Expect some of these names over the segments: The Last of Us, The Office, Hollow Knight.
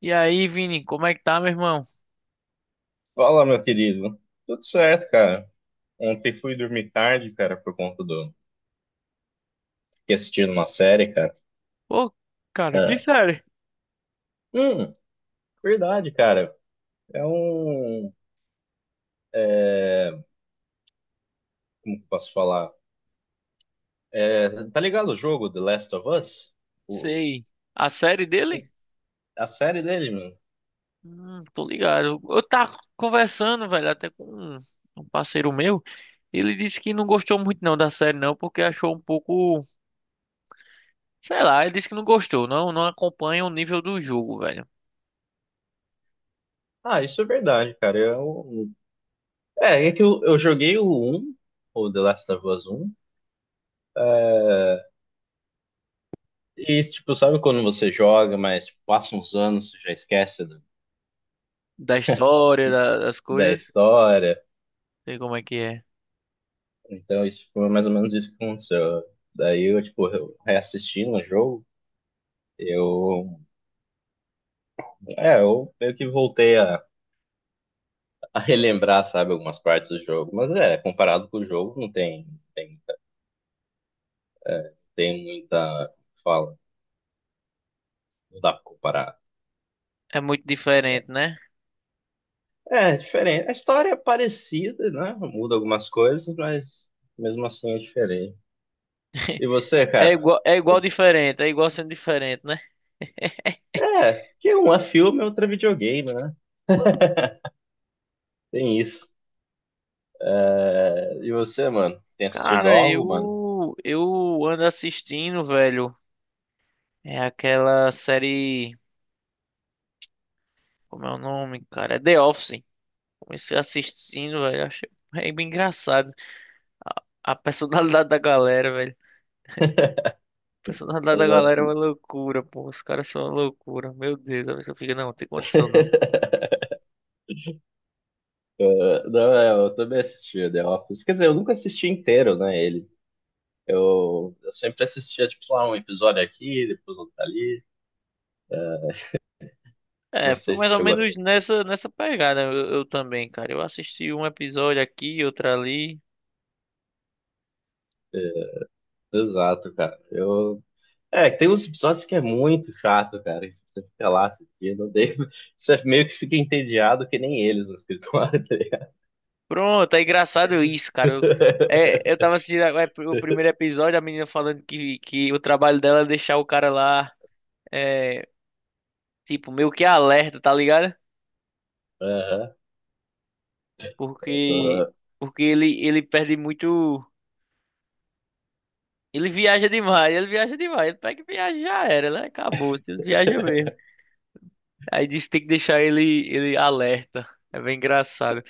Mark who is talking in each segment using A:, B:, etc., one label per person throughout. A: E aí, Vini, como é que tá, meu irmão?
B: Fala, meu querido. Tudo certo, cara. Ontem fui dormir tarde, cara, por conta fiquei assistindo uma série, cara.
A: Pô, cara, que
B: Ah,
A: série?
B: Hum, Verdade, cara. É um... é, Como que eu posso falar? Tá ligado o jogo The Last of Us? O...
A: Sei. A série dele?
B: A série dele, mano.
A: Tô ligado. Eu tava conversando, velho, até com um um parceiro meu. Ele disse que não gostou muito não da série, não, porque achou um pouco. Sei lá, ele disse que não gostou, não, não acompanha o nível do jogo, velho.
B: Ah, isso é verdade, cara. É que eu joguei um, o The Last of Us um. E, tipo, sabe quando você joga, mas passa uns anos, você já esquece do-
A: Da história, das
B: da
A: coisas.
B: história...
A: Sei como é que é.
B: Então, isso foi mais ou menos isso que aconteceu. Daí eu, tipo, eu reassistindo o jogo, eu, eu meio que voltei a relembrar, sabe, algumas partes do jogo. Mas é, comparado com o jogo, não tem, tem, tem muita fala, não dá pra comparar.
A: É muito diferente, né?
B: É, é diferente. A história é parecida, né? Muda algumas coisas, mas mesmo assim é diferente. E você, cara?
A: É igual diferente, é igual sendo diferente, né?
B: É, que um é filme, outro é videogame, né? Tem isso. É, e você, mano? Tem assistido
A: Cara,
B: algo, mano?
A: eu ando assistindo, velho. É aquela série, como é o nome, cara? É The Office. Comecei assistindo, velho. Achei é bem engraçado. A, a personalidade da galera, velho. A personalidade
B: Eu
A: da galera é uma
B: gosto.
A: loucura, pô. Os caras são uma loucura. Meu Deus, a pessoa fica, não, não tem condição não.
B: Não, é, eu também assistia The Office. Quer dizer, eu nunca assisti inteiro, né, ele. Eu sempre assistia, tipo, sei lá, um episódio aqui, depois outro ali.
A: É,
B: Não
A: foi
B: sei se
A: mais ou
B: chegou
A: menos nessa pegada eu também, cara. Eu assisti um episódio aqui, outro ali.
B: exato, cara. Tem uns episódios que é muito chato, cara. Que Você fica lá assistindo, daí você meio que fica entediado que nem eles no escritório. Tá ligado?
A: Pronto, é engraçado isso, cara. Eu, eu tava assistindo o primeiro episódio, a menina falando que o trabalho dela é deixar o cara lá, é, tipo, meio que alerta, tá ligado?
B: Aham.
A: Porque,
B: Aham.
A: porque ele, ele perde muito. Ele viaja demais, ele viaja demais. Ele pega e viaja, já era, né? Acabou, ele viaja mesmo. Aí disse que tem que deixar ele, ele alerta. É bem engraçado.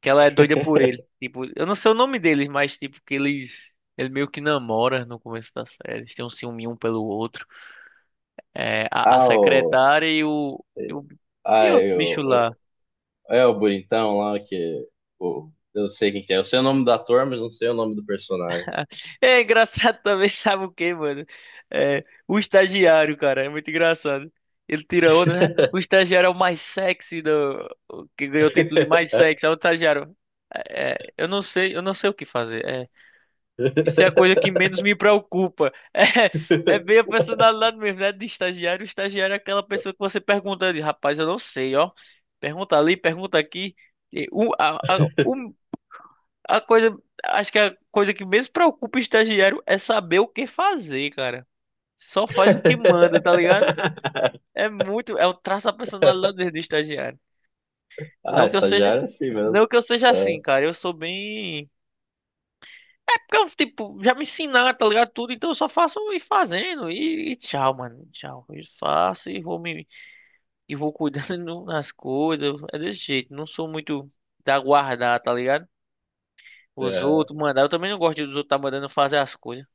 A: Que ela é doida por ele. Tipo, eu não sei o nome deles, mas tipo, que eles. Ele meio que namora no começo da série. Eles têm um ciúme um pelo outro. A
B: Ah, o...
A: secretária e e o. E
B: Ah,
A: outro bicho
B: eu...
A: lá.
B: É o bonitão lá que. Eu não sei quem que é. Eu sei o nome do ator, mas não sei o nome do personagem.
A: É engraçado também, sabe o quê, mano? É, o estagiário, cara, é muito engraçado. Ele tira onda, né? O estagiário é o mais sexy do. O Que ganhou o título de mais sexy. É o estagiário. Eu não sei o que fazer. É, isso é a coisa que menos me preocupa. É, é bem a personalidade mesmo, né? De estagiário. O estagiário é aquela pessoa que você pergunta, ele, rapaz, eu não sei, ó. Pergunta ali, pergunta aqui. E O, a, A coisa, Acho que a coisa que menos preocupa o estagiário é saber o que fazer, cara. Só faz o que manda, tá ligado? É muito, é o traço da personalidade dele do estagiário.
B: Ah,
A: Não que eu seja,
B: estagiário é assim mesmo.
A: não que eu seja assim,
B: É.
A: cara. Eu sou bem É porque eu, tipo, já me ensinaram, tá ligado? Tudo, então eu só faço e fazendo e tchau, mano. Tchau. Eu faço e vou me E vou cuidando das coisas. É desse jeito, não sou muito da guardar, tá ligado? Os
B: É.
A: outros mandar, eu também não gosto dos outros tá mandando fazer as coisas.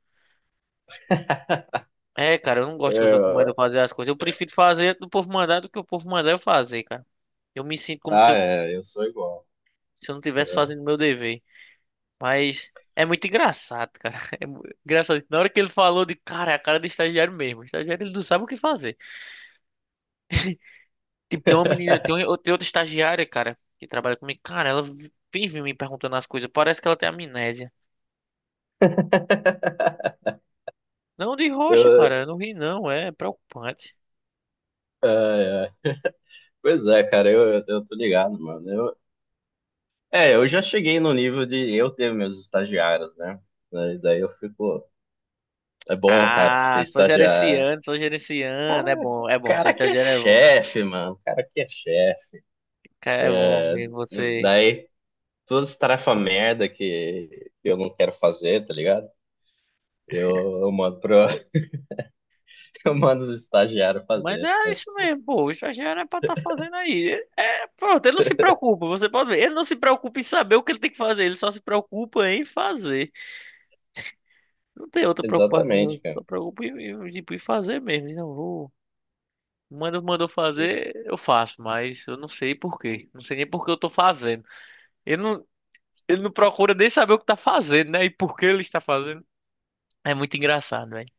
A: É, cara, eu não
B: É,
A: gosto que os outros mandam
B: Eu-
A: fazer as coisas. Eu prefiro fazer do povo mandar do que o povo mandar eu fazer, cara. Eu me sinto como se
B: Ah,
A: eu,
B: é, eu sou igual.
A: se eu não tivesse
B: É.
A: fazendo meu dever. Mas é muito engraçado, cara. É engraçado. Na hora que ele falou de cara, é a cara de estagiário mesmo. O estagiário ele não sabe o que fazer. Tipo, tem uma menina, tem outra estagiária, cara, que trabalha comigo. Cara, ela vive me perguntando as coisas. Parece que ela tem amnésia. Não de rocha,
B: Eu, é,
A: cara. Eu não ri, não. É preocupante.
B: é. Pois é, cara, eu tô ligado, mano. Eu já cheguei no nível de eu ter meus estagiários, né? Daí eu fico. É bom, cara, você ter
A: Ah, só
B: estagiário.
A: gerenciando, só gerenciando. É
B: Cara,
A: bom, é bom. Ser
B: cara que é
A: estagiário é bom.
B: chefe, mano. Cara que é chefe.
A: Que é bom ver
B: Hum,
A: você.
B: Daí, todas as tarefas merda que eu não quero fazer, tá ligado? Eu mando pro, eu mando os estagiários
A: Mas
B: fazer.
A: é
B: Tá?
A: isso
B: Tipo,
A: mesmo, pô. O estagiário é pra estar fazendo aí. É, é, pronto, ele não se preocupa, você pode ver. Ele não se preocupa em saber o que ele tem que fazer, ele só se preocupa em fazer. Não tem outra
B: exatamente,
A: preocupação,
B: cara.
A: só preocupa em, em, tipo, em fazer mesmo. Não vou. Manda, mandou fazer, eu faço, mas eu não sei por quê. Não sei nem por que eu tô fazendo. Ele não, ele não procura nem saber o que tá fazendo, né? E por que ele está fazendo. É muito engraçado, velho.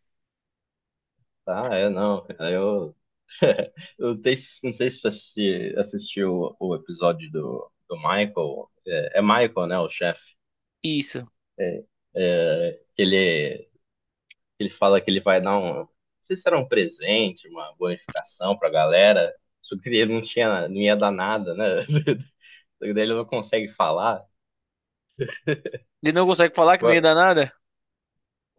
B: Ah, é, não, cara. Eu tenho- não sei se você assistiu o episódio do Michael. É, é Michael, né, o chefe?
A: Isso.
B: É, que ele Ele fala que ele vai dar um. Não sei se era um presente, uma bonificação pra galera. Só que ele não tinha, não ia dar nada, né? Só que daí ele não consegue falar.
A: Ele não consegue falar que não ia dar nada?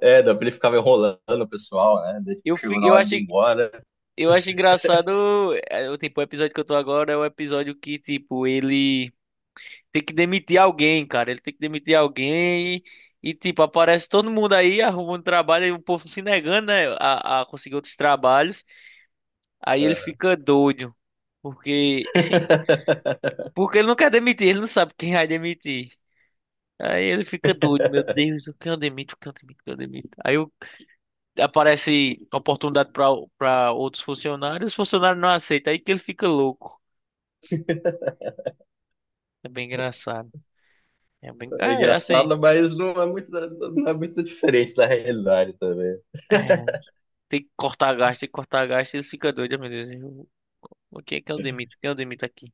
B: É, daí ele ficava enrolando o pessoal, né? Daí
A: Eu,
B: chegou na
A: eu
B: hora
A: acho.
B: de ir embora.
A: Eu acho engraçado, o episódio que eu tô agora é o episódio que, tipo, ele tem que demitir alguém, cara. Ele tem que demitir alguém e, tipo, aparece todo mundo aí arrumando trabalho e o povo se negando, né, a conseguir outros trabalhos. Aí ele
B: É.
A: fica doido, porque, porque ele não quer demitir, ele não sabe quem vai demitir. Aí ele fica doido, meu Deus, quem eu demito, quem eu demito, quem eu demito. Aparece oportunidade para outros funcionários, os funcionários não aceitam, aí que ele fica louco. É bem engraçado. É bem.
B: É
A: É, assim.
B: engraçado, mas não é muito, não é muito diferente da realidade também.
A: É, tem que cortar gasto, tem que cortar gasto, ele fica doido, meu Deus. Eu, o que é que eu demito? Quem eu demito aqui?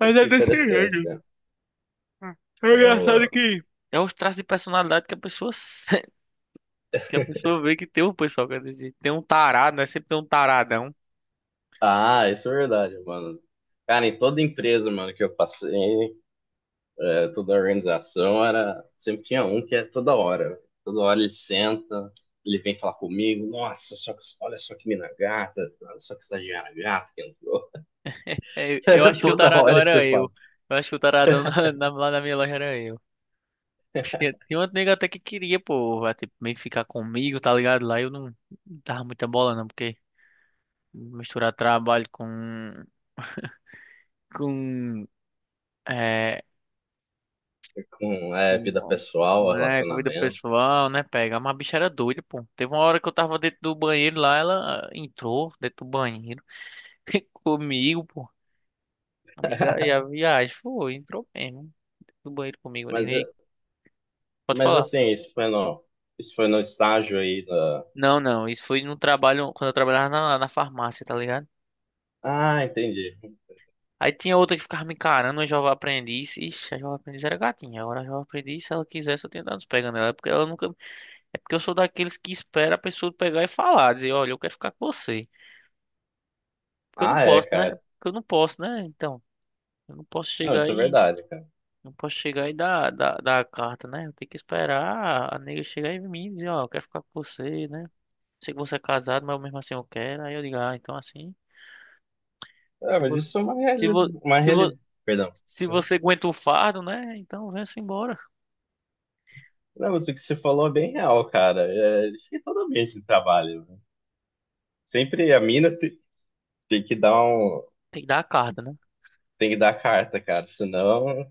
A: Mas
B: Acho
A: é
B: que é
A: desse jeito.
B: interessante, cara.
A: É engraçado
B: Eu,
A: que. É os traços de personalidade que a pessoa se- que a pessoa vê que tem um pessoal que é desse jeito. Tem um tarado, né? Sempre tem um taradão.
B: ah, isso é verdade, mano. Cara, em toda empresa, mano, que eu passei, é, toda a organização era. Sempre tinha um que é toda hora. Toda hora ele senta, ele vem falar comigo, nossa, só que, olha só que mina gata, olha só que estagiária gata que entrou.
A: É, eu
B: Era
A: acho que o
B: toda
A: taradão
B: hora esse
A: era eu.
B: papo.
A: Eu acho que o taradão lá na minha loja era eu. Mas tinha, tinha outro nego até que queria, pô, vai, tipo, meio que ficar comigo, tá ligado? Lá eu não, não tava muita bola, não, porque misturar trabalho com com, é,
B: Com é, vida
A: com,
B: pessoal,
A: né, com vida
B: relacionamento.
A: pessoal, né, pega. Mas a bicha era doida, pô. Teve uma hora que eu tava dentro do banheiro lá, ela entrou dentro do banheiro comigo, pô. Liga e a viagem foi, entrou mesmo dentro do banheiro comigo. Eu digo,
B: Mas,
A: "Ei, pode
B: mas
A: falar.
B: assim, isso foi no estágio aí da.
A: Não, não, isso foi no trabalho, quando eu trabalhava na farmácia, tá ligado?
B: Ah, entendi.
A: Aí tinha outra que ficava me encarando, uma jovem aprendiz. Ixi, a jovem aprendiz era gatinha. Agora a jovem aprendiz, se ela quisesse, eu tinha dado uns pegando ela, porque ela nunca é porque eu sou daqueles que espera a pessoa pegar e falar, dizer, olha, eu quero ficar com você. Porque eu não
B: Ah, é,
A: posso, né?
B: cara.
A: Porque eu não posso, né? Então, eu não posso
B: Não,
A: chegar
B: isso é
A: aí,
B: verdade, cara.
A: não posso chegar e dar a carta, né? Eu tenho que esperar a nega chegar em mim e dizer, ó, eu quero ficar com você, né? Sei que você é casado, mas mesmo assim eu quero. Aí eu digo, ah, então assim,
B: Ah,
A: se
B: mas
A: você,
B: isso é uma,
A: se
B: reali...
A: vo,
B: uma
A: se vo,
B: reali... Perdão.
A: se você aguenta o fardo, né? Então vem-se embora.
B: Não, mas o que você falou é bem real, cara. É, acho que todo ambiente de trabalho. Né? Sempre a mina tem que dar
A: Tem que dar a carta, né?
B: tem que dar a carta, cara. Senão,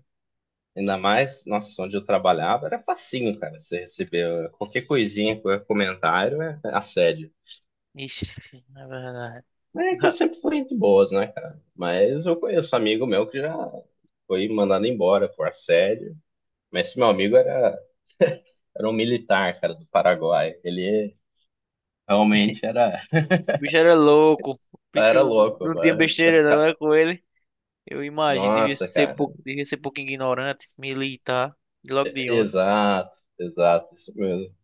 B: ainda mais, nossa, onde eu trabalhava era facinho, cara. Você recebeu qualquer coisinha, qualquer comentário é assédio.
A: Ixi, é verdade.
B: Mas é que eu sempre fui muito boas, né, cara? Mas eu conheço amigo meu que já foi mandado embora por assédio. Mas esse meu amigo era, era um militar, cara, do Paraguai. Realmente era,
A: O bicho era louco. O bicho
B: Era louco,
A: não tinha
B: mano.
A: besteira não, é com ele. Eu imagino,
B: Nossa, cara.
A: devia ser pouco ignorante, militar, de logo de onde.
B: Exato, exato, isso mesmo.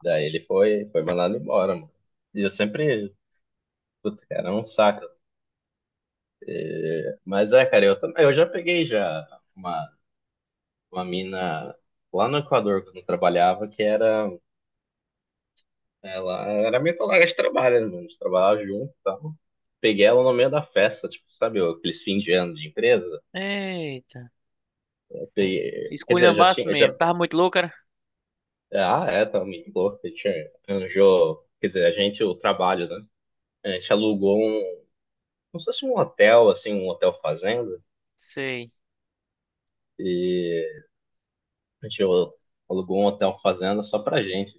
B: Daí ele foi mandado embora, mano. E eu sempre, puta, cara, é um saco. Mas é, cara, eu também, eu já peguei já uma, uma mina lá no Equador quando eu trabalhava, ela era minha colega de trabalho, né, mano, a gente trabalhava junto e tal. Peguei ela no meio da festa, tipo, sabe, aqueles fim de ano de empresa.
A: Eita,
B: Eu peguei, quer dizer, eu já tinha,
A: esculhambaço
B: eu já,
A: mesmo. Tava muito louco, cara?
B: ah, é, tá, me louco, a gente arranjou, quer dizer, a gente, o trabalho, né? A gente alugou um como se fosse um hotel, assim, um hotel fazenda.
A: Sei,
B: E a gente alugou um hotel fazenda só pra gente.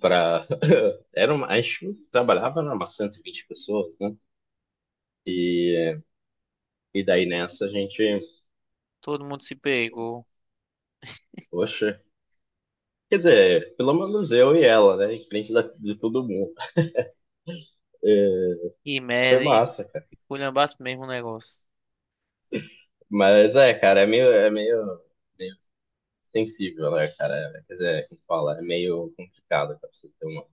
B: Pra... Era uma... A gente trabalhava numa 120 pessoas, né? E, e daí nessa a gente,
A: todo mundo se pegou.
B: poxa, quer dizer, pelo menos eu e ela, né? Em frente de todo mundo. É,
A: Que
B: foi
A: merda, hein?
B: massa, cara.
A: Esculhambaço mesmo o negócio.
B: Mas é, cara, é meio sensível, né, cara? É, quer dizer, como fala, é meio complicado, cara, pra você ter uma.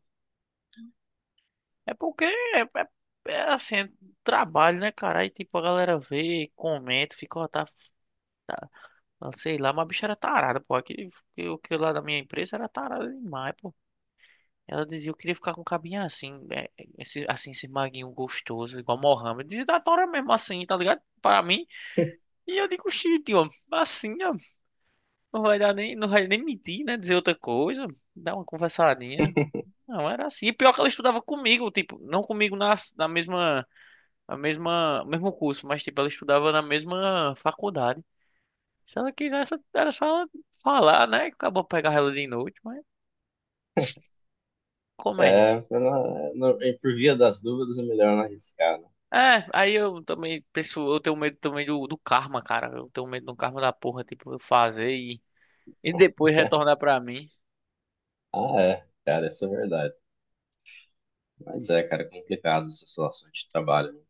A: É porque é assim, é trabalho, né, cara? Aí tipo, a galera vê, comenta, fica, ó, tá, sei lá, mas a bicha era tarada, pô. Aquele, o que lá da minha empresa era tarada demais, pô. Ela dizia, eu queria ficar com um cabinho assim, esse, assim, esse maguinho gostoso, igual Mohamed. E da Tora mesmo assim, tá ligado? Para mim. E eu digo, xixi, ó, assim, ó, não vai dar nem, não vai nem mentir, né? Dizer outra coisa, dar uma conversadinha. Não, era assim. E pior que ela estudava comigo, tipo, não comigo na mesma, mesmo curso, mas tipo, ela estudava na mesma faculdade. Se ela quisesse, era só ela falar, né? Acabou pegar ela de noite, mas comédia.
B: É, pra não- não- E por via das dúvidas é melhor não arriscar, né?
A: É, aí eu também penso, eu tenho medo também do karma, cara. Eu tenho medo do karma da porra, tipo, eu fazer e depois retornar pra mim.
B: Ah, é, cara, isso é verdade. Mas é, cara, é complicado essa situação de trabalho. Né?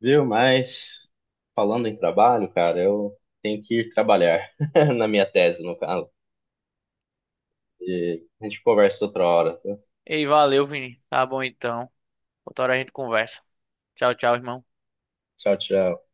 B: Viu? Mas falando em trabalho, cara, eu tenho que ir trabalhar na minha tese, no caso. E a gente conversa outra hora. Tá?
A: Ei, valeu, Vini. Tá bom então. Outra hora a gente conversa. Tchau, tchau, irmão.
B: Tchau, tchau.